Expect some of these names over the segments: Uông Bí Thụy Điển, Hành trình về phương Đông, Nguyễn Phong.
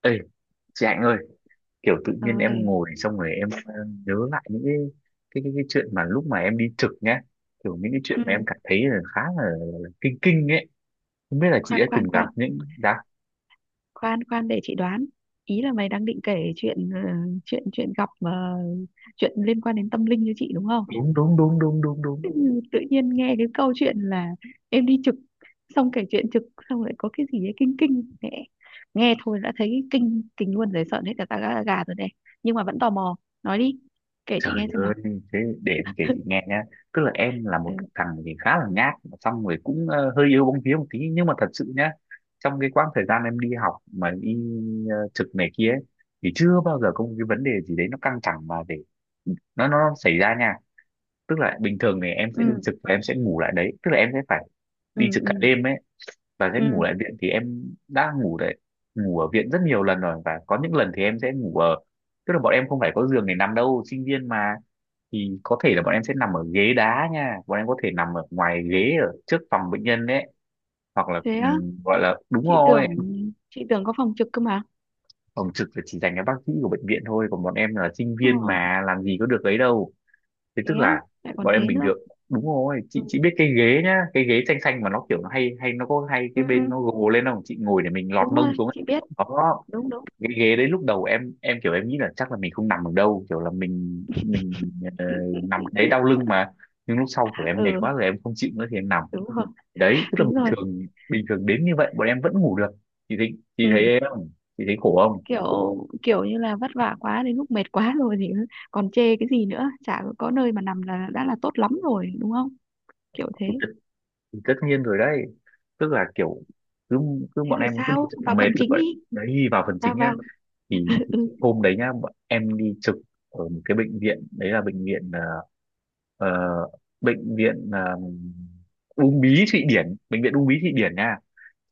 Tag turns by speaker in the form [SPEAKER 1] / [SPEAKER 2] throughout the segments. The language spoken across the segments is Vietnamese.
[SPEAKER 1] Ê, chị Hạnh ơi, kiểu tự nhiên em
[SPEAKER 2] Rồi.
[SPEAKER 1] ngồi xong rồi em nhớ lại những cái chuyện mà lúc mà em đi trực nhá, kiểu những cái chuyện
[SPEAKER 2] Ừ.
[SPEAKER 1] mà em cảm thấy là khá là kinh kinh ấy. Không biết là chị
[SPEAKER 2] Khoan
[SPEAKER 1] đã
[SPEAKER 2] khoan
[SPEAKER 1] từng gặp
[SPEAKER 2] khoan,
[SPEAKER 1] những đã
[SPEAKER 2] khoan khoan để chị đoán. Ý là mày đang định kể chuyện chuyện chuyện gặp mà chuyện liên quan đến tâm linh cho chị đúng không?
[SPEAKER 1] đúng đúng đúng đúng đúng đúng.
[SPEAKER 2] Ừ, tự nhiên nghe cái câu chuyện là em đi trực xong kể chuyện trực xong lại có cái gì ấy kinh kinh mẹ. Nghe thôi đã thấy kinh kinh luôn rồi, sợn hết cả ta gà gà rồi này. Nhưng mà vẫn tò mò, nói đi. Kể chị
[SPEAKER 1] Trời
[SPEAKER 2] nghe xem nào.
[SPEAKER 1] ơi, thế để em kể chị nghe nhá. Tức là em là
[SPEAKER 2] Ừ,
[SPEAKER 1] một thằng thì khá là nhát, mà xong rồi cũng hơi yếu bóng vía một tí. Nhưng mà thật sự nhá, trong cái quãng thời gian em đi học mà đi trực này kia ấy, thì chưa bao giờ có một cái vấn đề gì đấy nó căng thẳng mà để nó xảy ra nha. Tức là bình thường thì em
[SPEAKER 2] ừ,
[SPEAKER 1] sẽ đi trực và em sẽ ngủ lại đấy. Tức là em sẽ phải đi
[SPEAKER 2] ừ,
[SPEAKER 1] trực cả
[SPEAKER 2] ừ,
[SPEAKER 1] đêm ấy và sẽ
[SPEAKER 2] ừ.
[SPEAKER 1] ngủ lại viện, thì em đã ngủ đấy, ngủ ở viện rất nhiều lần rồi, và có những lần thì em sẽ ngủ ở, tức là bọn em không phải có giường để nằm đâu, sinh viên mà, thì có thể là bọn em sẽ nằm ở ghế đá nha, bọn em có thể nằm ở ngoài ghế ở trước phòng bệnh nhân đấy, hoặc là
[SPEAKER 2] Thế á,
[SPEAKER 1] gọi là, đúng
[SPEAKER 2] chị
[SPEAKER 1] rồi,
[SPEAKER 2] tưởng chị tưởng có phòng trực cơ mà.
[SPEAKER 1] phòng trực là chỉ dành cho bác sĩ của bệnh viện thôi, còn bọn em là sinh
[SPEAKER 2] Ờ.
[SPEAKER 1] viên mà làm gì có được ấy đâu. Thế
[SPEAKER 2] Thế
[SPEAKER 1] tức
[SPEAKER 2] á,
[SPEAKER 1] là
[SPEAKER 2] lại còn
[SPEAKER 1] bọn em
[SPEAKER 2] thế
[SPEAKER 1] bình
[SPEAKER 2] nữa.
[SPEAKER 1] thường, đúng rồi,
[SPEAKER 2] Ừ,
[SPEAKER 1] chị biết cái ghế nhá, cái ghế xanh xanh mà nó kiểu nó hay hay nó có hay
[SPEAKER 2] ừ,
[SPEAKER 1] cái
[SPEAKER 2] ừ,
[SPEAKER 1] bên nó gồ lên không, chị ngồi để mình lọt
[SPEAKER 2] đúng
[SPEAKER 1] mông
[SPEAKER 2] rồi
[SPEAKER 1] xuống ấy.
[SPEAKER 2] chị biết,
[SPEAKER 1] Đó,
[SPEAKER 2] đúng đúng.
[SPEAKER 1] cái ghế đấy lúc đầu em kiểu em nghĩ là chắc là mình không nằm được đâu, kiểu là mình ờ, nằm đấy đau lưng mà, nhưng lúc sau kiểu em mệt
[SPEAKER 2] Ừ,
[SPEAKER 1] quá rồi em không chịu nữa thì em nằm
[SPEAKER 2] đúng rồi,
[SPEAKER 1] đấy. Tức là
[SPEAKER 2] đúng rồi,
[SPEAKER 1] bình thường đến như vậy bọn em vẫn ngủ được. Chị thấy
[SPEAKER 2] ừ.
[SPEAKER 1] em không? Chị thấy khổ không?
[SPEAKER 2] kiểu kiểu như là vất vả quá đến lúc mệt quá rồi thì còn chê cái gì nữa, chả có nơi mà nằm là đã là tốt lắm rồi, đúng không? Kiểu thế.
[SPEAKER 1] Tất nhiên rồi đấy. Tức là kiểu cứ cứ
[SPEAKER 2] Thế
[SPEAKER 1] bọn
[SPEAKER 2] rồi
[SPEAKER 1] em cứ đi
[SPEAKER 2] sao,
[SPEAKER 1] trực
[SPEAKER 2] vào
[SPEAKER 1] mệt
[SPEAKER 2] phần
[SPEAKER 1] là
[SPEAKER 2] chính
[SPEAKER 1] vậy
[SPEAKER 2] đi.
[SPEAKER 1] đấy. Vào phần
[SPEAKER 2] Vào
[SPEAKER 1] chính nhá.
[SPEAKER 2] vào.
[SPEAKER 1] thì,
[SPEAKER 2] Ừ,
[SPEAKER 1] thì
[SPEAKER 2] ừ.
[SPEAKER 1] hôm đấy nhá bọn em đi trực ở một cái bệnh viện, đấy là bệnh viện ờ, bệnh viện Uông Bí Thụy Điển, bệnh viện Uông Bí Thụy Điển nha.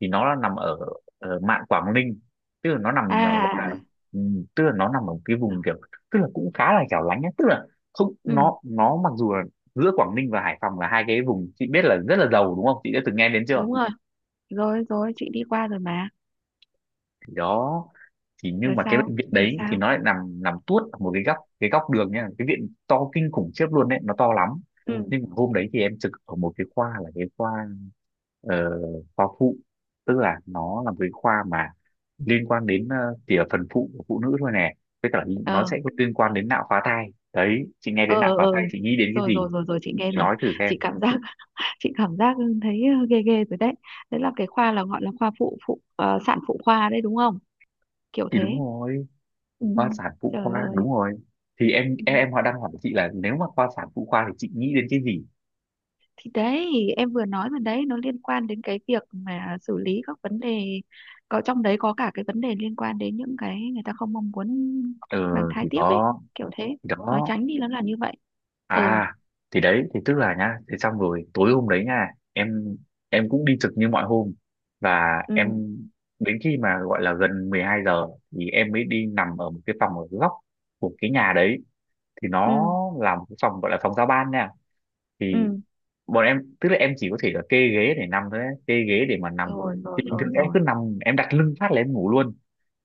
[SPEAKER 1] Thì nó là nằm ở mạn Quảng Ninh, tức là nó nằm gọi là
[SPEAKER 2] À,
[SPEAKER 1] ừ, tức là nó nằm ở cái vùng kiểu, tức là cũng khá là hẻo lánh ấy. Tức là không,
[SPEAKER 2] ừ,
[SPEAKER 1] nó mặc dù là giữa Quảng Ninh và Hải Phòng là hai cái vùng chị biết là rất là giàu, đúng không, chị đã từng nghe đến chưa?
[SPEAKER 2] đúng rồi, rồi rồi chị đi qua rồi mà.
[SPEAKER 1] Thì đó, thì nhưng
[SPEAKER 2] Rồi
[SPEAKER 1] mà cái
[SPEAKER 2] sao?
[SPEAKER 1] bệnh viện
[SPEAKER 2] Rồi
[SPEAKER 1] đấy thì
[SPEAKER 2] sao?
[SPEAKER 1] nó lại nằm nằm tuốt ở một cái góc đường nha, cái viện to kinh khủng khiếp luôn đấy, nó to lắm.
[SPEAKER 2] Ừ,
[SPEAKER 1] Nhưng mà hôm đấy thì em trực ở một cái khoa, là cái khoa ờ, khoa phụ. Tức là nó là một cái khoa mà liên quan đến chỉ ở phần phụ của phụ nữ thôi nè, với cả nó
[SPEAKER 2] ờ,
[SPEAKER 1] sẽ có liên quan đến nạo phá thai đấy. Chị nghe đến
[SPEAKER 2] ờ,
[SPEAKER 1] nạo
[SPEAKER 2] ờ,
[SPEAKER 1] phá
[SPEAKER 2] ờ,
[SPEAKER 1] thai chị nghĩ đến cái
[SPEAKER 2] rồi rồi
[SPEAKER 1] gì?
[SPEAKER 2] rồi rồi chị nghe
[SPEAKER 1] Chị
[SPEAKER 2] rồi.
[SPEAKER 1] nói thử xem.
[SPEAKER 2] Chị cảm giác chị cảm giác thấy ghê ghê rồi đấy. Đấy là cái khoa là gọi là khoa phụ phụ ờ, sản phụ khoa đấy đúng không? Kiểu
[SPEAKER 1] Thì
[SPEAKER 2] thế.
[SPEAKER 1] đúng rồi,
[SPEAKER 2] Ừ.
[SPEAKER 1] khoa sản phụ
[SPEAKER 2] Trời
[SPEAKER 1] khoa
[SPEAKER 2] ơi.
[SPEAKER 1] đúng rồi. Thì em
[SPEAKER 2] Ừ,
[SPEAKER 1] em, em họ đang hỏi chị là nếu mà khoa sản phụ khoa thì chị nghĩ đến cái gì.
[SPEAKER 2] thì đấy, em vừa nói mà đấy, nó liên quan đến cái việc mà xử lý các vấn đề, có trong đấy có cả cái vấn đề liên quan đến những cái người ta không mong muốn
[SPEAKER 1] Ừ,
[SPEAKER 2] mang thai
[SPEAKER 1] thì
[SPEAKER 2] tiếp ấy.
[SPEAKER 1] đó,
[SPEAKER 2] Kiểu thế.
[SPEAKER 1] thì
[SPEAKER 2] Nói
[SPEAKER 1] đó,
[SPEAKER 2] tránh đi nó là như vậy. Ừ,
[SPEAKER 1] à, thì đấy, thì tức là nhá, thế xong rồi tối hôm đấy nha, em em cũng đi trực như mọi hôm. Và
[SPEAKER 2] ừ,
[SPEAKER 1] em, đến khi mà gọi là gần 12 giờ thì em mới đi nằm ở một cái phòng ở góc của cái nhà đấy, thì nó
[SPEAKER 2] ừ,
[SPEAKER 1] là một cái phòng gọi là phòng giao ban nha. Thì
[SPEAKER 2] ừ,
[SPEAKER 1] bọn em, tức là em chỉ có thể là kê ghế để nằm thôi ấy, kê ghế để mà nằm.
[SPEAKER 2] rồi
[SPEAKER 1] Thì
[SPEAKER 2] rồi
[SPEAKER 1] bình
[SPEAKER 2] rồi
[SPEAKER 1] thường em
[SPEAKER 2] rồi.
[SPEAKER 1] cứ nằm em đặt lưng phát là em ngủ luôn.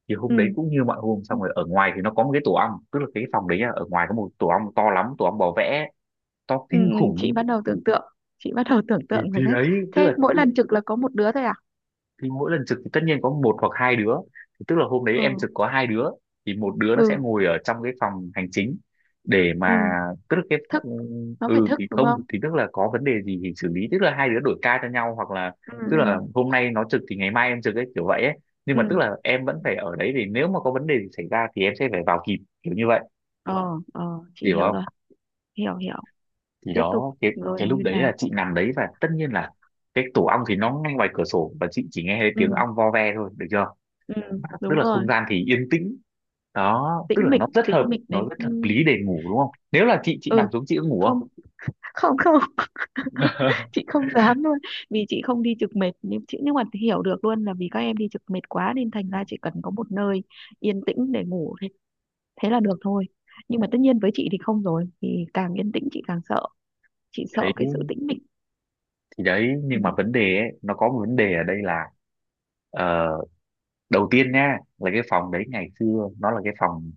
[SPEAKER 1] Thì
[SPEAKER 2] Ừ.
[SPEAKER 1] hôm đấy cũng như mọi hôm, xong rồi ở ngoài thì nó có một cái tổ ong, tức là cái phòng đấy là ở ngoài có một tổ ong to lắm, tổ ong bò vẽ to
[SPEAKER 2] Ừ,
[SPEAKER 1] kinh
[SPEAKER 2] ừ, chị
[SPEAKER 1] khủng.
[SPEAKER 2] bắt đầu tưởng tượng,
[SPEAKER 1] thì
[SPEAKER 2] rồi
[SPEAKER 1] thì
[SPEAKER 2] đấy.
[SPEAKER 1] đấy, tức
[SPEAKER 2] Thế
[SPEAKER 1] là,
[SPEAKER 2] mỗi
[SPEAKER 1] tức là
[SPEAKER 2] lần trực là có một đứa thôi à?
[SPEAKER 1] thì mỗi lần trực thì tất nhiên có một hoặc hai đứa. Thì tức là hôm đấy em
[SPEAKER 2] Ừ,
[SPEAKER 1] trực có hai đứa, thì một đứa nó sẽ
[SPEAKER 2] ừ,
[SPEAKER 1] ngồi ở trong cái phòng hành chính để
[SPEAKER 2] ừ,
[SPEAKER 1] mà, tức là cái,
[SPEAKER 2] thức nó phải
[SPEAKER 1] ừ,
[SPEAKER 2] thức
[SPEAKER 1] thì
[SPEAKER 2] đúng
[SPEAKER 1] không,
[SPEAKER 2] không?
[SPEAKER 1] thì tức là có vấn đề gì thì xử lý, tức là hai đứa đổi ca cho nhau, hoặc là
[SPEAKER 2] Ừ,
[SPEAKER 1] tức là
[SPEAKER 2] ừ,
[SPEAKER 1] hôm nay nó trực thì ngày mai em trực ấy, kiểu vậy ấy. Nhưng mà tức
[SPEAKER 2] ừ,
[SPEAKER 1] là em vẫn phải ở đấy, thì nếu mà có vấn đề gì xảy ra thì em sẽ phải vào kịp, kiểu như vậy.
[SPEAKER 2] ờ, ờ,
[SPEAKER 1] Chị
[SPEAKER 2] chị
[SPEAKER 1] hiểu
[SPEAKER 2] hiểu rồi.
[SPEAKER 1] không?
[SPEAKER 2] Hiểu, hiểu.
[SPEAKER 1] Thì
[SPEAKER 2] Tiếp tục
[SPEAKER 1] đó, cái
[SPEAKER 2] rồi
[SPEAKER 1] cái lúc
[SPEAKER 2] như
[SPEAKER 1] đấy
[SPEAKER 2] nào.
[SPEAKER 1] là chị nằm đấy và tất nhiên là cái tổ ong thì nó ngay ngoài cửa sổ, và chị chỉ nghe thấy tiếng
[SPEAKER 2] Ừ,
[SPEAKER 1] ong vo ve thôi, được chưa.
[SPEAKER 2] ừ,
[SPEAKER 1] Tức
[SPEAKER 2] đúng
[SPEAKER 1] là không
[SPEAKER 2] rồi.
[SPEAKER 1] gian thì yên tĩnh, đó, tức
[SPEAKER 2] Tĩnh
[SPEAKER 1] là
[SPEAKER 2] mịch,
[SPEAKER 1] nó rất hợp,
[SPEAKER 2] tĩnh mịch
[SPEAKER 1] nó
[SPEAKER 2] đến.
[SPEAKER 1] rất hợp lý để ngủ đúng không? Nếu là chị
[SPEAKER 2] Ừ.
[SPEAKER 1] nằm xuống chị có ngủ không?
[SPEAKER 2] Không, không, không. Chị không dám luôn. Vì chị không đi trực mệt nhưng mà hiểu được luôn là vì các em đi trực mệt quá nên thành ra chỉ cần có một nơi yên tĩnh để ngủ thế là được thôi. Nhưng mà tất nhiên với chị thì không rồi, thì càng yên tĩnh chị càng sợ. Chị sợ
[SPEAKER 1] Đấy,
[SPEAKER 2] cái sự tĩnh mịch.
[SPEAKER 1] thì đấy,
[SPEAKER 2] Ừ,
[SPEAKER 1] nhưng mà vấn đề ấy, nó có một vấn đề ở đây là ờ, đầu tiên nha là cái phòng đấy ngày xưa nó là cái phòng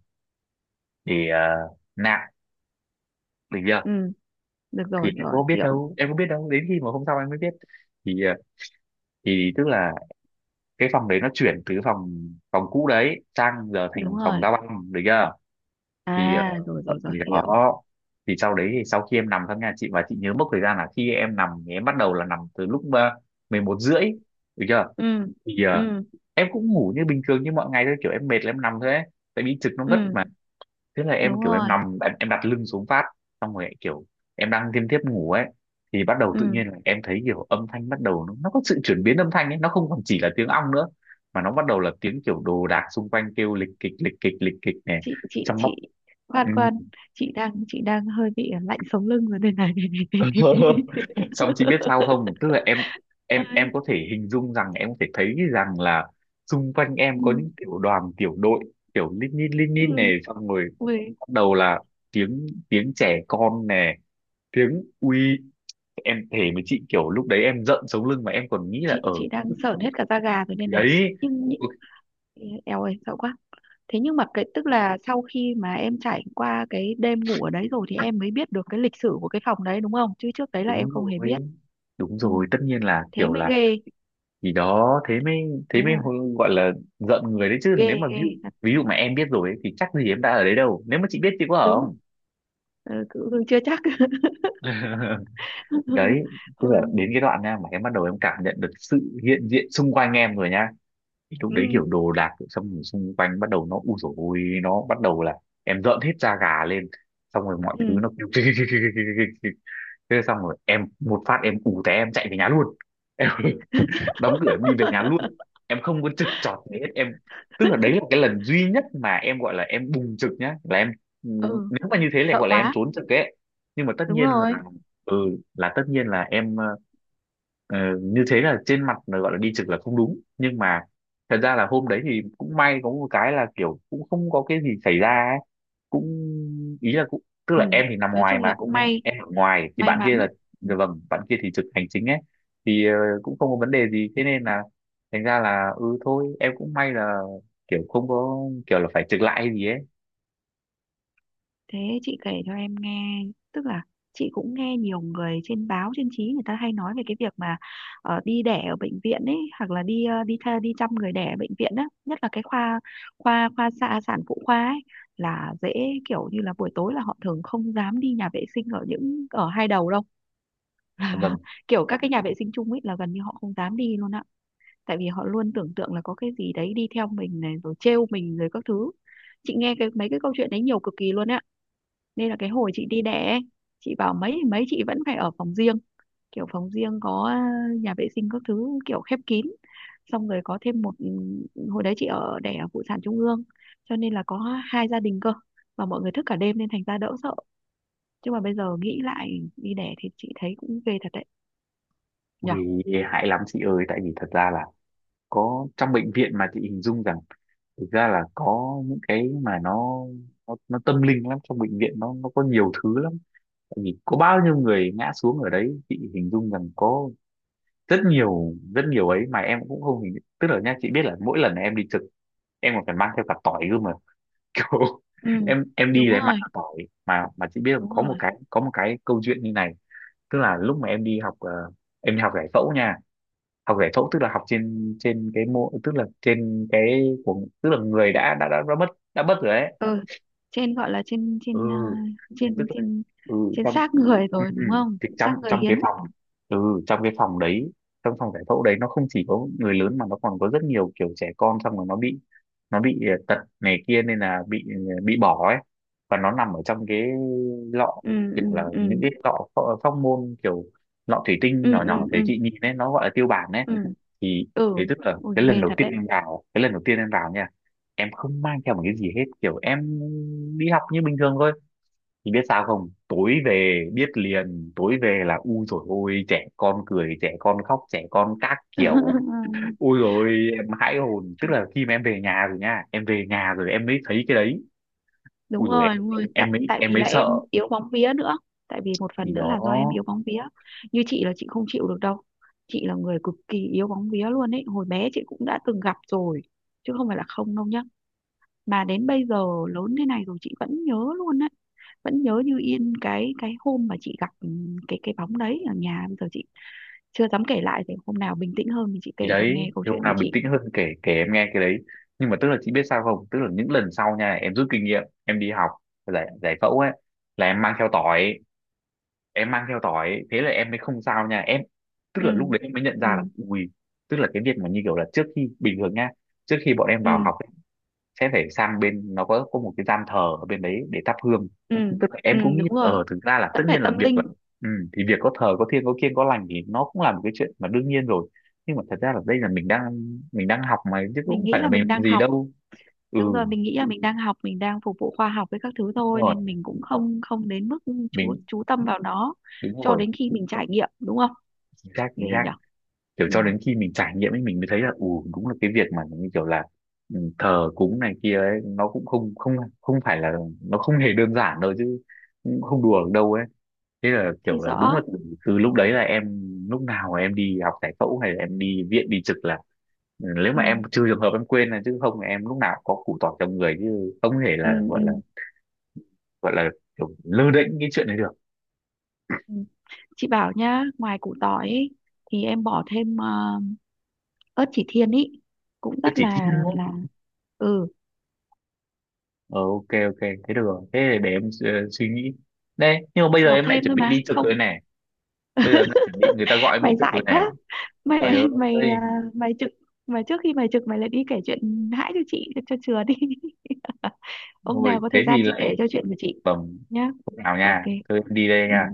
[SPEAKER 1] để nạp, được chưa.
[SPEAKER 2] ừ, được
[SPEAKER 1] Thì
[SPEAKER 2] rồi,
[SPEAKER 1] em
[SPEAKER 2] rồi
[SPEAKER 1] có biết
[SPEAKER 2] hiểu,
[SPEAKER 1] đâu, em có biết đâu, đến khi mà hôm sau em mới biết, thì thì tức là cái phòng đấy nó chuyển từ phòng phòng cũ đấy sang giờ
[SPEAKER 2] đúng
[SPEAKER 1] thành phòng
[SPEAKER 2] rồi.
[SPEAKER 1] giao băng, được chưa.
[SPEAKER 2] À,
[SPEAKER 1] Thì
[SPEAKER 2] rồi rồi rồi,
[SPEAKER 1] thì
[SPEAKER 2] hiểu.
[SPEAKER 1] đó, thì sau đấy thì sau khi em nằm trong nhà chị, và chị nhớ mốc thời gian là khi em nằm thì em bắt đầu là nằm từ lúc 11 rưỡi được chưa.
[SPEAKER 2] Ừ,
[SPEAKER 1] Thì
[SPEAKER 2] ừ,
[SPEAKER 1] em cũng ngủ như bình thường như mọi ngày thôi, kiểu em mệt là em nằm thôi ấy, tại vì trực nó vất
[SPEAKER 2] ừ,
[SPEAKER 1] mà. Thế là em
[SPEAKER 2] đúng
[SPEAKER 1] kiểu em
[SPEAKER 2] rồi,
[SPEAKER 1] nằm, em đặt lưng xuống phát, xong rồi kiểu em đang thiêm thiếp ngủ ấy, thì bắt đầu tự
[SPEAKER 2] ừ.
[SPEAKER 1] nhiên là em thấy kiểu âm thanh bắt đầu nó có sự chuyển biến âm thanh ấy, nó không còn chỉ là tiếng ong nữa mà nó bắt đầu là tiếng kiểu đồ đạc xung quanh kêu lịch kịch lịch kịch lịch kịch này,
[SPEAKER 2] chị chị
[SPEAKER 1] trong bóc.
[SPEAKER 2] chị
[SPEAKER 1] Ừ.
[SPEAKER 2] khoan khoan, chị đang hơi bị lạnh sống lưng rồi đây này.
[SPEAKER 1] Xong chị biết sao không, tức là em
[SPEAKER 2] Ơi,
[SPEAKER 1] có thể hình dung rằng em có thể thấy rằng là xung quanh em
[SPEAKER 2] ừ,
[SPEAKER 1] có những tiểu đoàn tiểu đội, kiểu lít
[SPEAKER 2] ừ.
[SPEAKER 1] nhít này, xong rồi
[SPEAKER 2] Ui,
[SPEAKER 1] bắt đầu là tiếng tiếng trẻ con nè, tiếng uy. Em thề với chị kiểu lúc đấy em giận sống lưng mà em còn nghĩ là
[SPEAKER 2] chị
[SPEAKER 1] ở
[SPEAKER 2] chị đang sởn hết cả da gà rồi đây này.
[SPEAKER 1] đấy.
[SPEAKER 2] nhưng nhị-
[SPEAKER 1] Ui,
[SPEAKER 2] Éo ơi sợ quá. Thế nhưng mà cái, tức là sau khi mà em trải qua cái đêm ngủ ở đấy rồi thì em mới biết được cái lịch sử của cái phòng đấy đúng không? Chứ trước đấy là em
[SPEAKER 1] đúng
[SPEAKER 2] không hề biết.
[SPEAKER 1] rồi, đúng
[SPEAKER 2] Ừ,
[SPEAKER 1] rồi, tất nhiên là
[SPEAKER 2] thế
[SPEAKER 1] kiểu
[SPEAKER 2] mới
[SPEAKER 1] là
[SPEAKER 2] ghê,
[SPEAKER 1] gì đó. thế mới thế
[SPEAKER 2] đúng
[SPEAKER 1] mới
[SPEAKER 2] rồi,
[SPEAKER 1] hô- gọi là giận người đấy chứ,
[SPEAKER 2] ghê
[SPEAKER 1] nếu mà
[SPEAKER 2] ghê
[SPEAKER 1] ví dụ
[SPEAKER 2] thật
[SPEAKER 1] ví dụ mà em biết rồi ấy, thì chắc gì em đã ở đấy đâu, nếu mà chị biết chị có ở
[SPEAKER 2] đúng.
[SPEAKER 1] không?
[SPEAKER 2] Ờ, cứ cứ chưa chắc.
[SPEAKER 1] Đấy, tức
[SPEAKER 2] Ừ,
[SPEAKER 1] là đến cái đoạn nha mà em bắt đầu em cảm nhận được sự hiện diện xung quanh em rồi nha. Thì lúc
[SPEAKER 2] ừ,
[SPEAKER 1] đấy kiểu đồ đạc xong rồi xung quanh bắt đầu nó, u dồi ôi, nó bắt đầu là em rợn hết da gà lên, xong rồi mọi thứ
[SPEAKER 2] ừ.
[SPEAKER 1] nó kêu kêu kêu kêu kêu kêu kêu kêu. Thế xong rồi em một phát em ù té em chạy về nhà luôn. Em đóng cửa em đi về nhà luôn, em không có trực trọt gì hết em. Tức là đấy là cái lần duy nhất mà em gọi là em bùng trực nhá, là em
[SPEAKER 2] Ừ,
[SPEAKER 1] nếu mà như thế là
[SPEAKER 2] sợ
[SPEAKER 1] gọi là em
[SPEAKER 2] quá.
[SPEAKER 1] trốn trực ấy. Nhưng mà
[SPEAKER 2] Đúng rồi.
[SPEAKER 1] ừ tất nhiên là em, Ờ, như thế là trên mặt là gọi là đi trực là không đúng, nhưng mà thật ra là hôm đấy thì cũng may có một cái là kiểu cũng không có cái gì xảy ra ấy. Cũng, ý là cũng, tức
[SPEAKER 2] Ừ,
[SPEAKER 1] là em thì nằm
[SPEAKER 2] nói
[SPEAKER 1] ngoài
[SPEAKER 2] chung là
[SPEAKER 1] mà
[SPEAKER 2] cũng
[SPEAKER 1] nên
[SPEAKER 2] may,
[SPEAKER 1] em ở ngoài thì
[SPEAKER 2] may
[SPEAKER 1] bạn kia
[SPEAKER 2] mắn.
[SPEAKER 1] là dạ
[SPEAKER 2] Ừ.
[SPEAKER 1] vâng, bạn kia thì trực hành chính ấy, thì cũng không có vấn đề gì, thế nên là thành ra là ừ thôi, em cũng may là kiểu không có kiểu là phải trực lại hay gì ấy.
[SPEAKER 2] Thế chị kể cho em nghe, tức là chị cũng nghe nhiều người trên báo trên chí người ta hay nói về cái việc mà đi đẻ ở bệnh viện ấy, hoặc là đi ờ, đi tha, đi chăm người đẻ ở bệnh viện á, nhất là cái khoa, khoa khoa xạ sản phụ khoa ấy là dễ. Kiểu như là buổi tối là họ thường không dám đi nhà vệ sinh ở ở hai đầu đâu.
[SPEAKER 1] Vâng.
[SPEAKER 2] Kiểu các cái nhà vệ sinh chung ấy là gần như họ không dám đi luôn á, tại vì họ luôn tưởng tượng là có cái gì đấy đi theo mình này rồi trêu mình rồi các thứ. Chị nghe cái mấy cái câu chuyện đấy nhiều cực kỳ luôn á, nên là cái hồi chị đi đẻ ấy, chị bảo mấy thì mấy chị vẫn phải ở phòng riêng, kiểu phòng riêng có à, nhà vệ sinh các thứ kiểu khép kín. Xong rồi có thêm hồi đấy chị ở đẻ ở Phụ sản Trung ương, cho nên là có hai gia đình cơ, và mọi người thức cả đêm nên thành ra đỡ sợ. Chứ mà bây giờ nghĩ lại đi đẻ thì chị thấy cũng ghê thật đấy nhở.
[SPEAKER 1] Ui, hại lắm chị ơi, tại vì thật ra là có trong bệnh viện mà chị hình dung rằng thực ra là có những cái mà nó tâm linh lắm, trong bệnh viện nó có nhiều thứ lắm, tại vì có bao nhiêu người ngã xuống ở đấy, chị hình dung rằng có rất nhiều ấy, mà em cũng không hình, tức là nha chị biết là mỗi lần em đi trực em còn phải mang theo cả tỏi cơ mà, kiểu
[SPEAKER 2] Ừ,
[SPEAKER 1] em đi
[SPEAKER 2] đúng
[SPEAKER 1] là em ăn
[SPEAKER 2] rồi,
[SPEAKER 1] tỏi mà chị biết không,
[SPEAKER 2] đúng
[SPEAKER 1] có
[SPEAKER 2] rồi.
[SPEAKER 1] một cái, có một cái câu chuyện như này. Tức là lúc mà em đi học em đi học giải phẫu nha, học giải phẫu tức là học trên trên cái mô, tức là trên cái của, tức là người đã mất, đã mất rồi đấy.
[SPEAKER 2] Ừ, trên gọi là trên
[SPEAKER 1] Ừ,
[SPEAKER 2] trên à,
[SPEAKER 1] tức
[SPEAKER 2] trên
[SPEAKER 1] là,
[SPEAKER 2] trên
[SPEAKER 1] ừ,
[SPEAKER 2] trên
[SPEAKER 1] trong,
[SPEAKER 2] xác người
[SPEAKER 1] ừ,
[SPEAKER 2] rồi
[SPEAKER 1] ừ,
[SPEAKER 2] đúng không,
[SPEAKER 1] thì trong
[SPEAKER 2] xác người
[SPEAKER 1] trong cái
[SPEAKER 2] hiến.
[SPEAKER 1] phòng, ừ, trong cái phòng đấy, trong phòng giải phẫu đấy, nó không chỉ có người lớn mà nó còn có rất nhiều kiểu trẻ con, xong rồi nó bị, nó bị tật này kia nên là bị bị bỏ ấy, và nó nằm ở trong cái lọ,
[SPEAKER 2] Ừ,
[SPEAKER 1] kiểu
[SPEAKER 2] ừ,
[SPEAKER 1] là
[SPEAKER 2] ừ,
[SPEAKER 1] những cái lọ phóc môn, kiểu lọ thủy tinh
[SPEAKER 2] ừ,
[SPEAKER 1] nhỏ
[SPEAKER 2] ừ,
[SPEAKER 1] nhỏ để
[SPEAKER 2] ừ,
[SPEAKER 1] chị nhìn ấy, nó gọi là tiêu bản ấy.
[SPEAKER 2] ừ,
[SPEAKER 1] thì
[SPEAKER 2] ừ.
[SPEAKER 1] thì tức là
[SPEAKER 2] Ôi
[SPEAKER 1] cái lần
[SPEAKER 2] ghê
[SPEAKER 1] đầu
[SPEAKER 2] thật
[SPEAKER 1] tiên
[SPEAKER 2] đấy.
[SPEAKER 1] em vào, cái lần đầu tiên em vào nha, em không mang theo một cái gì hết, kiểu em đi học như bình thường thôi, thì biết sao không, tối về biết liền, tối về là u rồi, ôi trẻ con cười, trẻ con khóc, trẻ con các kiểu, ôi rồi em hãi hồn, tức
[SPEAKER 2] Chúng-
[SPEAKER 1] là khi mà em về nhà rồi nha, em về nhà rồi em mới thấy cái đấy.
[SPEAKER 2] Đúng
[SPEAKER 1] Ui rồi em
[SPEAKER 2] rồi, đúng
[SPEAKER 1] em
[SPEAKER 2] rồi, tại
[SPEAKER 1] em mới
[SPEAKER 2] tại
[SPEAKER 1] em
[SPEAKER 2] vì
[SPEAKER 1] mới
[SPEAKER 2] là em
[SPEAKER 1] sợ.
[SPEAKER 2] yếu bóng vía nữa. Tại vì một
[SPEAKER 1] Thì
[SPEAKER 2] phần nữa
[SPEAKER 1] đó.
[SPEAKER 2] là do em yếu bóng vía, như chị là chị không chịu được đâu. Chị là người cực kỳ yếu bóng vía luôn ấy, hồi bé chị cũng đã từng gặp rồi chứ không phải là không đâu nhá, mà đến bây giờ lớn thế này rồi chị vẫn nhớ luôn đấy, vẫn nhớ như yên cái hôm mà chị gặp cái bóng đấy ở nhà. Bây giờ chị chưa dám kể lại, để hôm nào bình tĩnh hơn thì chị
[SPEAKER 1] Thì
[SPEAKER 2] kể cho
[SPEAKER 1] đấy,
[SPEAKER 2] nghe câu
[SPEAKER 1] thì
[SPEAKER 2] chuyện
[SPEAKER 1] hôm nào
[SPEAKER 2] của
[SPEAKER 1] bình
[SPEAKER 2] chị.
[SPEAKER 1] tĩnh hơn kể kể em nghe cái đấy. Nhưng mà tức là chị biết sao không, tức là những lần sau nha, em rút kinh nghiệm, em đi học giải giải phẫu ấy là em mang theo tỏi, em mang theo tỏi ấy, thế là em mới không sao nha em, tức
[SPEAKER 2] Ừ,
[SPEAKER 1] là lúc đấy em mới nhận ra là,
[SPEAKER 2] ừ,
[SPEAKER 1] ui, tức là cái việc mà như kiểu là trước khi bình thường nha, trước khi bọn em vào
[SPEAKER 2] ừ,
[SPEAKER 1] học ấy, sẽ phải sang bên, nó có một cái gian thờ ở bên đấy để thắp hương,
[SPEAKER 2] ừ,
[SPEAKER 1] tức là
[SPEAKER 2] ừ,
[SPEAKER 1] em cũng nghĩ
[SPEAKER 2] đúng rồi,
[SPEAKER 1] ờ thực ra là tất
[SPEAKER 2] vẫn phải
[SPEAKER 1] nhiên là
[SPEAKER 2] tâm
[SPEAKER 1] việc là,
[SPEAKER 2] linh.
[SPEAKER 1] ừ, thì việc có thờ có thiêng, có kiêng có lành thì nó cũng là một cái chuyện mà đương nhiên rồi, nhưng mà thật ra là đây là mình đang, mình đang học mà, chứ cũng
[SPEAKER 2] Mình
[SPEAKER 1] không
[SPEAKER 2] nghĩ
[SPEAKER 1] phải là
[SPEAKER 2] là
[SPEAKER 1] mình
[SPEAKER 2] mình
[SPEAKER 1] làm
[SPEAKER 2] đang
[SPEAKER 1] gì
[SPEAKER 2] học.
[SPEAKER 1] đâu. Ừ,
[SPEAKER 2] Đúng rồi, mình nghĩ là mình đang học, mình đang phục vụ khoa học với các thứ
[SPEAKER 1] đúng
[SPEAKER 2] thôi
[SPEAKER 1] rồi,
[SPEAKER 2] nên mình cũng không không đến mức chú
[SPEAKER 1] mình.
[SPEAKER 2] chú tâm vào nó
[SPEAKER 1] Đúng
[SPEAKER 2] cho
[SPEAKER 1] rồi.
[SPEAKER 2] đến khi mình trải nghiệm đúng không.
[SPEAKER 1] Chính xác, chính
[SPEAKER 2] Ghê
[SPEAKER 1] xác.
[SPEAKER 2] nhở.
[SPEAKER 1] Kiểu
[SPEAKER 2] Ừ.
[SPEAKER 1] cho đến khi mình trải nghiệm ấy mình mới thấy là ừ, đúng là cái việc mà như kiểu là, ừ, thờ cúng này kia ấy, nó cũng không không không phải là, nó không hề đơn giản đâu, chứ cũng không đùa được đâu ấy. Thế là
[SPEAKER 2] Thì
[SPEAKER 1] kiểu là đúng
[SPEAKER 2] rõ.
[SPEAKER 1] là từ, từ lúc đấy là em, lúc nào em đi học giải phẫu hay là em đi viện đi trực là, ừ, nếu
[SPEAKER 2] Ừ.
[SPEAKER 1] mà em, trừ trường hợp em quên, là chứ không là em lúc nào cũng có củ tỏi trong người, chứ không thể
[SPEAKER 2] Ừ.
[SPEAKER 1] là gọi là,
[SPEAKER 2] Ừ.
[SPEAKER 1] gọi là kiểu lơ đễnh cái chuyện này được.
[SPEAKER 2] Ừ. Chị bảo nhá, ngoài củ tỏi ấy, thì em bỏ thêm ớt chỉ thiên ý, cũng
[SPEAKER 1] Nó
[SPEAKER 2] rất
[SPEAKER 1] chỉ thiên
[SPEAKER 2] là
[SPEAKER 1] thôi.
[SPEAKER 2] là Ừ.
[SPEAKER 1] Ờ, ok ok, thế được rồi, thế thì để em suy nghĩ đây, nhưng mà bây giờ
[SPEAKER 2] Bỏ
[SPEAKER 1] em lại
[SPEAKER 2] thêm
[SPEAKER 1] chuẩn
[SPEAKER 2] thôi
[SPEAKER 1] bị
[SPEAKER 2] mà,
[SPEAKER 1] đi trực
[SPEAKER 2] không?
[SPEAKER 1] rồi này, bây giờ em lại chuẩn bị người ta gọi em đi
[SPEAKER 2] Mày
[SPEAKER 1] trực
[SPEAKER 2] dại
[SPEAKER 1] rồi này,
[SPEAKER 2] quá.
[SPEAKER 1] trời
[SPEAKER 2] Mày mày
[SPEAKER 1] ơi,
[SPEAKER 2] à, mày trực mà trước khi mày trực mày lại đi kể chuyện hãi cho chị cho chừa đi. Hôm
[SPEAKER 1] ngồi
[SPEAKER 2] nào có thời
[SPEAKER 1] thế
[SPEAKER 2] gian
[SPEAKER 1] thì
[SPEAKER 2] chị
[SPEAKER 1] lại,
[SPEAKER 2] kể cho chuyện của chị
[SPEAKER 1] bẩm
[SPEAKER 2] nhá.
[SPEAKER 1] không nào
[SPEAKER 2] Ok.
[SPEAKER 1] nha, thôi em đi đây
[SPEAKER 2] Ừ.
[SPEAKER 1] nha.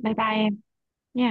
[SPEAKER 2] Bye bye em nhá.